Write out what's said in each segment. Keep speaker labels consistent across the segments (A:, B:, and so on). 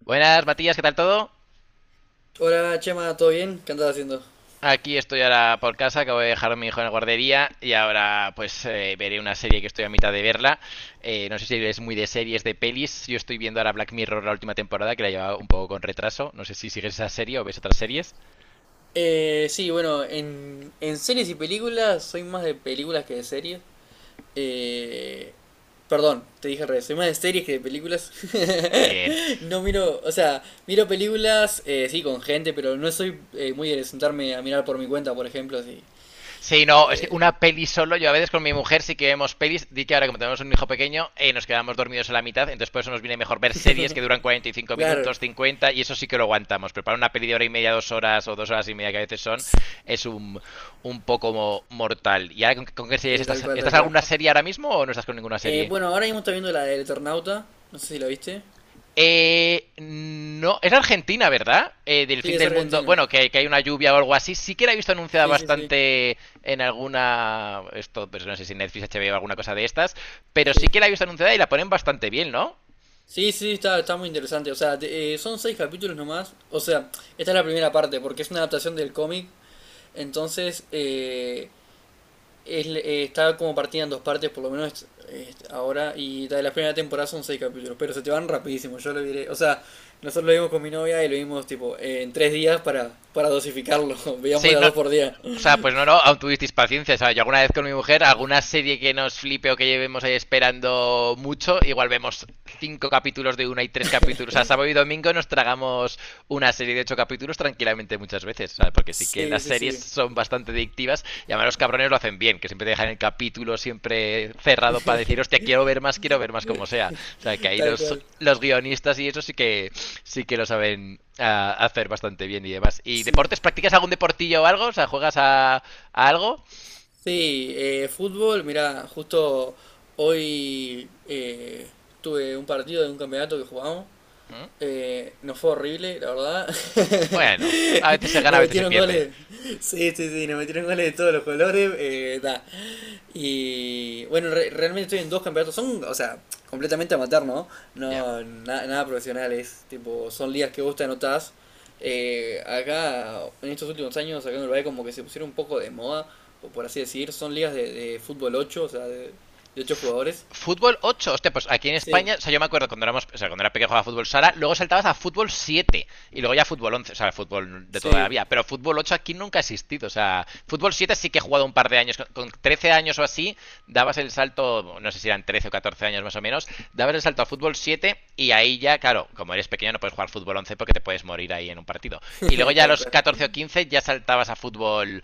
A: Buenas, Matías, ¿qué tal todo?
B: Hola Chema, ¿todo bien? ¿Qué andas haciendo?
A: Aquí estoy ahora por casa, acabo de dejar a mi hijo en la guardería y ahora pues veré una serie que estoy a mitad de verla. No sé si eres muy de series, de pelis. Yo estoy viendo ahora Black Mirror, la última temporada, que la he llevado un poco con retraso. No sé si sigues esa serie o ves otras series.
B: Sí, bueno, en series y películas soy más de películas que de series. Eh, Perdón, te dije al revés, soy más de series que de películas.
A: Bien.
B: No miro, o sea, miro películas, sí, con gente, pero no soy muy de sentarme a mirar por mi cuenta, por ejemplo, sí.
A: Sí, no, es que una peli solo, yo a veces con mi mujer sí que vemos pelis, di que ahora como tenemos un hijo pequeño, nos quedamos dormidos a la mitad, entonces por eso nos viene mejor ver series que duran 45
B: Claro,
A: minutos, 50, y eso sí que lo aguantamos, pero para una peli de hora y media, dos horas o dos horas y media que a veces es un poco mortal. ¿Y ahora con qué series
B: sí, tal
A: estás?
B: cual,
A: ¿Estás
B: tal
A: en
B: cual.
A: alguna serie ahora mismo o no estás con ninguna serie?
B: Bueno, ahora mismo estoy viendo la del Eternauta, no sé si la viste.
A: No, es Argentina, ¿verdad? Del
B: Sí,
A: fin
B: es
A: del mundo.
B: argentina.
A: Bueno, que hay una lluvia o algo así. Sí que la he visto anunciada
B: Sí, sí, sí,
A: bastante en alguna. Esto, pues no sé si Netflix, HBO o alguna cosa de estas. Pero sí
B: sí.
A: que la he visto anunciada y la ponen bastante bien, ¿no?
B: Sí, sí, está muy interesante. O sea, son seis capítulos nomás. O sea, esta es la primera parte, porque es una adaptación del cómic. Entonces, está como partida en dos partes, por lo menos ahora. Y la de la primera temporada son seis capítulos, pero se te van rapidísimo. Yo lo diré. O sea, nosotros lo vimos con mi novia y lo vimos tipo en 3 días para, dosificarlo. Veíamos
A: Sí,
B: de a
A: no.
B: dos por día.
A: O sea, pues no, no, aún tuvisteis paciencia, ¿sabes? Yo alguna vez con mi mujer, alguna serie que nos flipe o que llevemos ahí esperando mucho, igual vemos cinco capítulos de una y tres capítulos. O sea, sábado y domingo nos tragamos una serie de ocho capítulos tranquilamente muchas veces, ¿sabes? Porque sí que
B: Sí,
A: las
B: sí,
A: series
B: sí.
A: son bastante adictivas y además los cabrones lo hacen bien, que siempre te dejan el capítulo siempre cerrado para decir, hostia, quiero ver más como sea. O sea, que ahí
B: Tal cual.
A: los guionistas y eso sí que lo saben hacer bastante bien y demás. ¿Y
B: Sí.
A: deportes? ¿Practicas algún deportillo o algo? O sea, ¿juegas a algo?
B: Sí, fútbol, mirá, justo hoy tuve un partido de un campeonato que jugamos,
A: ¿Mm?
B: nos fue horrible, la verdad.
A: Bueno, a veces se gana, a
B: Nos
A: veces se
B: metieron
A: pierde.
B: goles. Sí, sí, sí, nos metieron goles de todos los colores. Da. Y bueno, realmente estoy en dos campeonatos. Son, o sea, completamente amateur, ¿no?
A: Ya. Yeah.
B: No, nada profesionales. Tipo, son ligas que vos te anotás. Acá, en estos últimos años, acá en Uruguay, como que se pusieron un poco de moda, o por así decir. Son ligas de fútbol 8, o sea, de 8 jugadores.
A: Fútbol 8, hostia, pues aquí en
B: Sí,
A: España, o sea, yo me acuerdo cuando éramos, o sea, cuando era pequeño jugaba fútbol sala, luego saltabas a fútbol 7 y luego ya fútbol 11, o sea, fútbol de toda la
B: sí,
A: vida, pero fútbol 8 aquí nunca ha existido, o sea, fútbol 7 sí que he jugado un par de años, con, 13 años o así, dabas el salto, no sé si eran 13 o 14 años más o menos, dabas el salto a fútbol 7 y ahí ya, claro, como eres pequeño no puedes jugar fútbol 11 porque te puedes morir ahí en un partido. Y luego ya a
B: tal
A: los
B: cual.
A: 14 o 15 ya saltabas a fútbol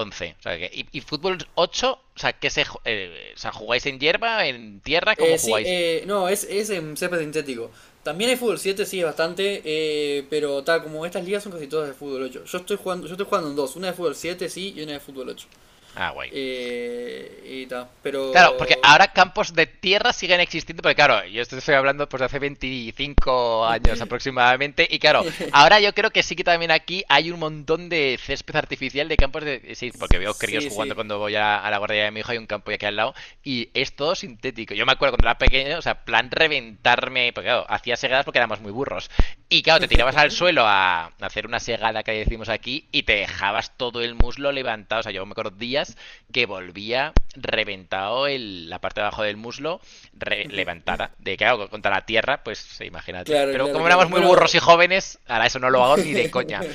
A: once. O sea, y fútbol ocho, o sea, que se, o sea, jugáis en hierba, en tierra, ¿cómo
B: Sí,
A: jugáis?
B: no, es en césped sintético. También hay fútbol 7 sí, es bastante, pero tal como estas ligas son casi todas de fútbol ocho. Yo estoy jugando en dos, una de fútbol 7 sí, y una de fútbol ocho.
A: Ah, guay.
B: Eh, y ta,
A: Claro, porque
B: pero...
A: ahora campos de tierra siguen existiendo, porque claro, yo esto estoy hablando pues de hace 25 años aproximadamente, y claro, ahora yo creo que sí que también aquí hay un montón de césped artificial de campos de... Sí, porque veo críos
B: Sí,
A: jugando
B: sí.
A: cuando voy a la guardería de mi hijo, hay un campo aquí al lado, y es todo sintético. Yo me acuerdo cuando era pequeño, o sea, plan reventarme, porque claro, hacía segadas porque éramos muy burros. Y claro, te tirabas al suelo a hacer una segada que decimos aquí y te dejabas todo el muslo levantado. O sea, yo me acuerdo días que volvía reventado la parte de abajo del muslo levantada. De claro, contra la tierra, pues sí, imagínate.
B: Claro,
A: Pero
B: claro,
A: como
B: claro.
A: éramos muy burros
B: Bueno,
A: y jóvenes, ahora eso no lo hago ni de coña.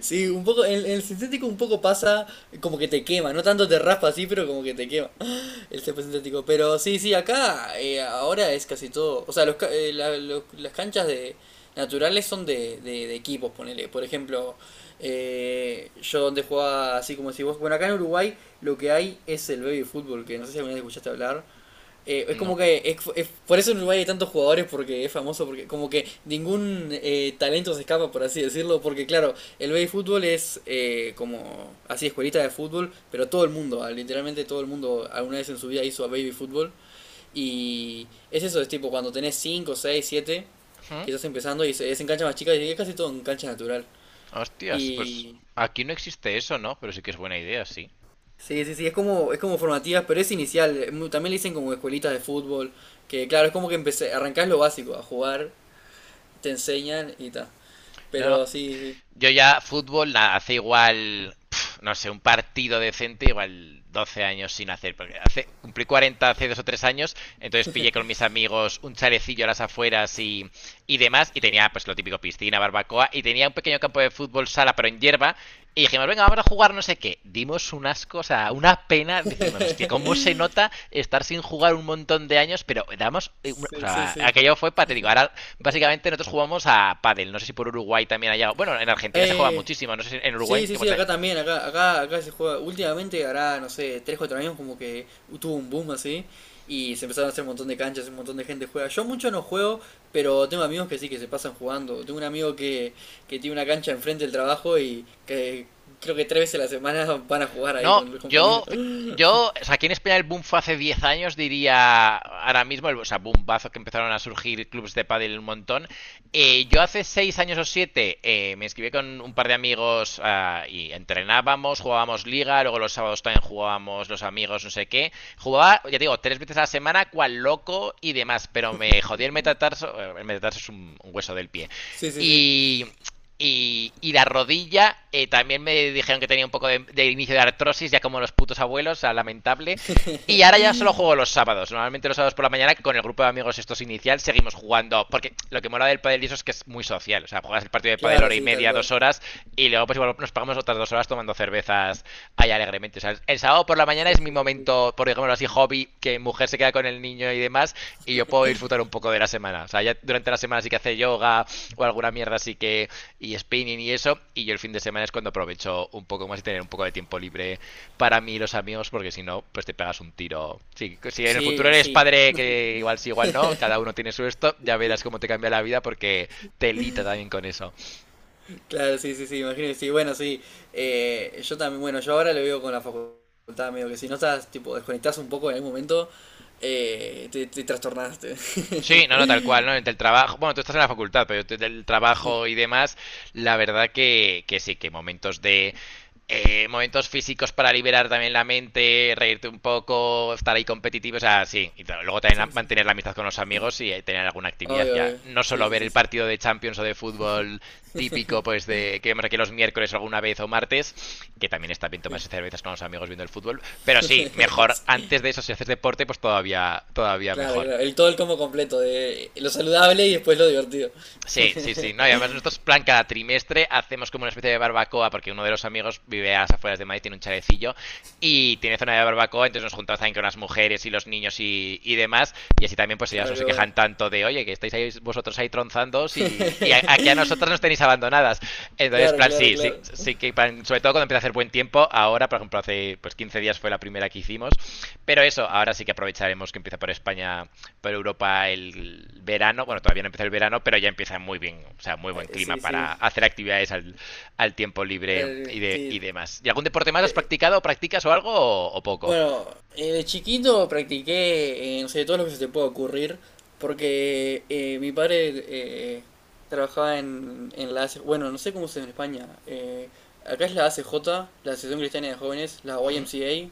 B: sí, un poco, en el sintético un poco pasa como que te quema, no tanto te raspa así, pero como que te quema. El césped sintético. Pero sí, sí, acá ahora es casi todo. O sea, los, ca- la- lo- las canchas de naturales son de equipos, ponele. Por ejemplo, yo donde jugaba así como si vos. Bueno, acá en Uruguay lo que hay es el baby fútbol, que no sé si alguna vez escuchaste hablar. Es
A: No.
B: como que por eso en Uruguay hay tantos jugadores porque es famoso, porque como que ningún talento se escapa, por así decirlo, porque claro, el baby fútbol es como así escuelita de fútbol, pero todo el mundo, literalmente todo el mundo alguna vez en su vida hizo baby fútbol, y es, eso es tipo cuando tenés cinco, seis, siete,
A: ¿Mm?
B: que estás empezando y es en cancha más chica y es casi todo en cancha natural
A: Hostias, pues
B: y...
A: aquí no existe eso, ¿no? Pero sí que es buena idea, sí.
B: Sí, sí, sí, es como, formativas, pero es inicial. También le dicen como escuelitas de fútbol, que claro, es como que empecé, arrancás lo básico, a jugar, te enseñan y tal.
A: No, no,
B: Pero sí, sí.
A: Yo ya fútbol hace igual, pf, no sé, un partido decente, igual 12 años sin hacer. Porque hace, cumplí 40 hace dos o tres años, entonces pillé con mis amigos un chalecillo a las afueras y demás, y tenía pues lo típico, piscina, barbacoa, y tenía un pequeño campo de fútbol sala, pero en hierba, y dijimos, venga, vamos a jugar no sé qué. Dimos unas cosas, una pena, decimos, hostia, cómo se nota estar sin jugar un montón de años, pero damos, o
B: Sí, sí,
A: sea,
B: sí.
A: aquello fue patético. Ahora básicamente nosotros jugamos a pádel. No sé si por Uruguay también haya. Bueno, en Argentina se juega
B: Eh,
A: muchísimo. No sé si en Uruguay.
B: Sí, sí, sí, acá también, acá, acá, acá se juega. Últimamente, hará, no sé, tres, cuatro años como que tuvo un boom así. Y se empezaron a hacer un montón de canchas, un montón de gente juega. Yo mucho no juego, pero tengo amigos que sí, que se pasan jugando. Tengo un amigo que tiene una cancha enfrente del trabajo y que creo que 3 veces a la semana van a jugar ahí
A: No,
B: con los compañeros.
A: yo, yo, o sea, aquí en España el boom fue hace 10 años, diría, ahora mismo, el, o sea, boomazo que empezaron a surgir clubs de pádel un montón. Yo hace 6 años o 7 me inscribí con un par de amigos y entrenábamos, jugábamos liga, luego los sábados también jugábamos los amigos, no sé qué. Jugaba, ya digo, tres veces a la semana, cual loco y demás, pero me jodí el metatarso es un hueso del pie.
B: Sí, sí, sí.
A: Y y la rodilla, también me dijeron que tenía un poco de inicio de artrosis, ya como los putos abuelos, o sea, lamentable. Y ahora ya solo juego los sábados. Normalmente los sábados por la mañana, con el grupo de amigos estos inicial, seguimos jugando. Porque lo que mola del pádel y eso es que es muy social. O sea, juegas el partido de pádel
B: Claro,
A: hora y
B: sí, tal
A: media,
B: cual.
A: dos horas, y luego pues igual nos pagamos otras dos horas tomando cervezas ahí alegremente. O sea, el sábado por la mañana
B: Sí,
A: es mi
B: sí, sí, sí.
A: momento, por ejemplo así, hobby, que mujer se queda con el niño y demás, y yo puedo disfrutar un poco de la semana. O sea, ya durante la semana sí que hace yoga o alguna mierda así que, y spinning y eso, y yo el fin de semana es cuando aprovecho un poco más y tener un poco de tiempo libre para mí y los amigos, porque si no, pues te pegas un tiro. Si en el futuro
B: Sí,
A: eres
B: sí.
A: padre, que igual sí, igual no, cada uno tiene su esto, ya verás cómo te cambia la vida porque te lita también con eso.
B: Claro, sí, sí, sí, imagino que sí. Bueno, sí, yo también, bueno, yo ahora lo veo con la facultad, medio que si no estás, tipo, desconectás un poco en algún momento, te trastornaste.
A: Sí, no, no, tal cual, ¿no? Entre el trabajo, bueno, tú estás en la facultad, pero entre el trabajo y demás, la verdad que sí, que momentos de momentos físicos para liberar también la mente, reírte un poco, estar ahí competitivo, o sea, sí. Y t- luego también
B: Sí, sí, sí.
A: mantener la
B: Sí.
A: amistad con los amigos y tener alguna actividad
B: Obvio,
A: ya.
B: obvio.
A: No
B: Sí,
A: solo
B: sí,
A: ver
B: sí,
A: el
B: sí.
A: partido de Champions o de fútbol típico, pues de que vemos aquí los miércoles alguna vez o martes, que también está bien tomarse cervezas con los amigos viendo el fútbol. Pero sí, mejor antes
B: Sí.
A: de eso, si haces deporte, pues todavía, todavía
B: Claro,
A: mejor.
B: claro. El todo el combo completo de lo saludable y después lo divertido.
A: Sí, sí, sí. No, y además nosotros, plan, cada trimestre hacemos como una especie de barbacoa, porque uno de los amigos vive a las afueras de Madrid, tiene un chalecillo, y tiene zona de barbacoa, entonces nos juntamos también con las mujeres y los niños y demás, y así también pues ellas
B: Claro,
A: no
B: qué
A: se
B: bueno.
A: quejan tanto de, oye, que estáis ahí vosotros ahí tronzandos aquí a nosotras nos tenéis abandonadas. Entonces,
B: Claro,
A: plan,
B: claro,
A: sí, sí,
B: claro.
A: sí que, plan, sobre todo cuando empieza a hacer buen tiempo, ahora, por ejemplo, hace pues 15 días fue la primera que hicimos. Pero eso, ahora sí que aprovecharemos que empieza por España, por Europa el verano. Bueno, todavía no empieza el verano, pero ya empieza muy bien, o sea, muy
B: Ay,
A: buen clima
B: sí, sí.
A: para hacer actividades al tiempo libre
B: Sí.
A: y demás. ¿Y algún deporte más has practicado, practicas o algo o poco?
B: Bueno, de chiquito practiqué, no sé, todo lo que se te pueda ocurrir, porque mi padre eh, trabajaba en la ACJ, bueno, no sé cómo se dice en España, acá es la ACJ, la Asociación Cristiana de Jóvenes, la
A: ¿Mm?
B: YMCA,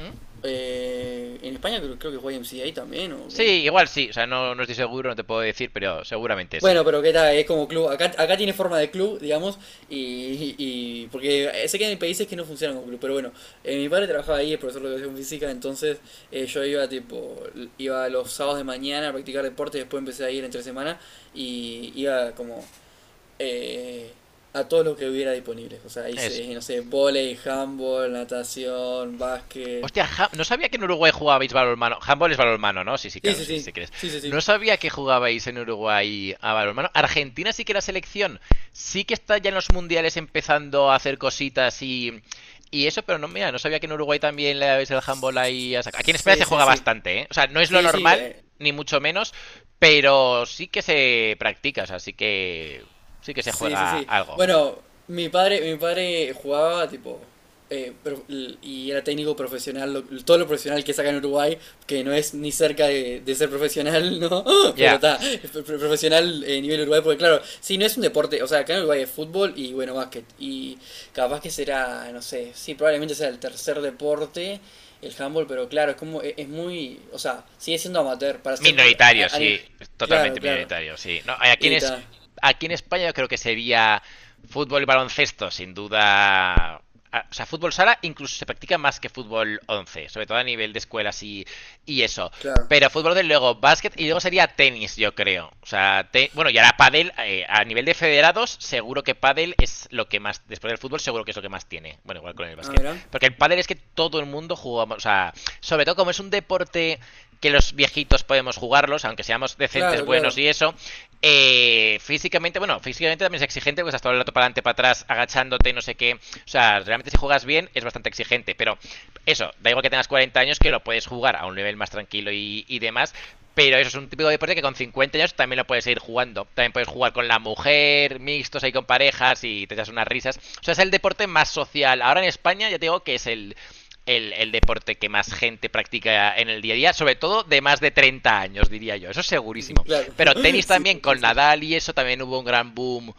A: ¿Mm?
B: en España creo, que es YMCA también, ¿o
A: Sí,
B: cómo?
A: igual sí, o sea, no, no estoy seguro, no te puedo decir, pero seguramente sí.
B: Bueno, pero ¿qué tal? Es como club. Acá, acá tiene forma de club, digamos, y, porque sé que hay países que no funcionan como club, pero bueno, mi padre trabajaba ahí, es profesor de educación física, entonces yo iba tipo, iba los sábados de mañana a practicar deporte, después empecé a ir entre semana y iba como eh, a todo lo que hubiera disponible. O sea,
A: Es.
B: hice, no sé, vóley, handball, natación, básquet.
A: Hostia, no sabía que en Uruguay jugabais balonmano. Handball es balonmano, ¿no? Sí, sí,
B: Sí,
A: claro,
B: sí,
A: sí,
B: sí,
A: si quieres.
B: sí, sí, sí.
A: No sabía que jugabais en Uruguay a balonmano. Argentina sí que la selección. Sí que está ya en los mundiales empezando a hacer cositas y eso, pero no, mira, no sabía que en Uruguay también le dabais el handball ahí a saco. Aquí en España
B: Sí,
A: se
B: sí,
A: juega
B: sí.
A: bastante, ¿eh? O sea, no es lo
B: Sí, sí,
A: normal, ni mucho menos, pero sí que se practica, o sea, sí que se
B: Sí, sí,
A: juega
B: sí.
A: algo.
B: Bueno, mi padre jugaba tipo y era técnico profesional, todo lo profesional que saca en Uruguay, que no es ni cerca de ser profesional, ¿no? Pero
A: Ya.
B: está,
A: Yeah.
B: profesional, nivel Uruguay, porque claro, si no es un deporte, o sea, acá en Uruguay es fútbol y, bueno, básquet. Y capaz que será, no sé, sí, probablemente sea el tercer deporte, el handball, pero claro, es como, es muy, o sea, sigue siendo amateur, para ser,
A: Minoritario, sí,
B: claro,
A: totalmente
B: claro.
A: minoritario, sí. No,
B: Y está,
A: aquí en España yo creo que sería fútbol y baloncesto, sin duda. Ah, o sea, fútbol sala incluso se practica más que fútbol 11, sobre todo a nivel de escuelas y eso.
B: claro.
A: Pero fútbol, desde luego, básquet y luego sería tenis, yo creo. O sea, bueno, y ahora pádel, a nivel de federados, seguro que pádel es lo que más, después del fútbol, seguro que es lo que más tiene. Bueno, igual con el
B: Ah,
A: básquet.
B: mira.
A: Porque el pádel es que todo el mundo jugamos, o sea, sobre todo como es un deporte que los viejitos podemos jugarlos, aunque seamos decentes,
B: Claro,
A: buenos
B: claro,
A: y eso. Físicamente, bueno, físicamente también es exigente, porque estás todo el rato para adelante, para atrás, agachándote, no sé qué. O sea, realmente si juegas bien es bastante exigente, pero eso, da igual que tengas 40 años, que lo puedes jugar a un nivel más tranquilo y demás, pero eso es un típico deporte que con 50 años también lo puedes seguir jugando. También puedes jugar con la mujer, mixtos ahí con parejas y te das unas risas. O sea, es el deporte más social. Ahora en España ya te digo que es el deporte que más gente practica en el día a día, sobre todo de más de 30 años, diría yo. Eso es segurísimo.
B: claro.
A: Pero tenis
B: Sí,
A: también,
B: sí, sí,
A: con
B: sí.
A: Nadal y eso también hubo un gran boom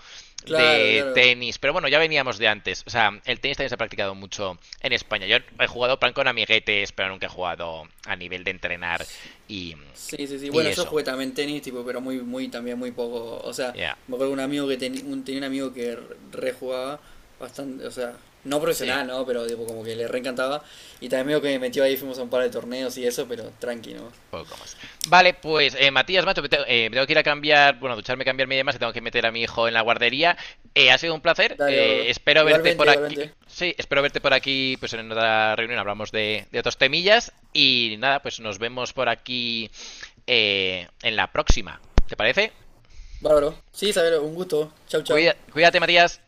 B: Claro,
A: de
B: claro.
A: tenis, pero bueno, ya veníamos de antes. O sea, el tenis también se ha practicado mucho en España. Yo he jugado plan con amiguetes, pero nunca he jugado a nivel de entrenar y,
B: Sí, sí, sí.
A: y
B: Bueno, yo
A: eso,
B: jugué también tenis, tipo, pero muy, muy, también muy poco. O sea,
A: ya.
B: me acuerdo de un amigo que tenía un amigo que rejugaba bastante, o sea, no
A: Sí,
B: profesional, ¿no? Pero tipo, como que le reencantaba. Y también medio que me metió ahí, fuimos a un par de torneos y eso, pero tranqui, ¿no?
A: poco más. Vale, pues Matías, macho, me tengo que ir a cambiar, bueno, a ducharme, cambiarme y demás, que tengo que meter a mi hijo en la guardería. Ha sido un placer.
B: Dale, bárbaro.
A: Espero verte
B: Igualmente,
A: por aquí.
B: igualmente.
A: Sí, espero verte por aquí, pues en otra reunión hablamos de otros temillas. Y nada, pues nos vemos por aquí en la próxima. ¿Te parece?
B: Bárbaro. Sí, Isabel, un gusto. Chau, chau.
A: Cuídate, Matías.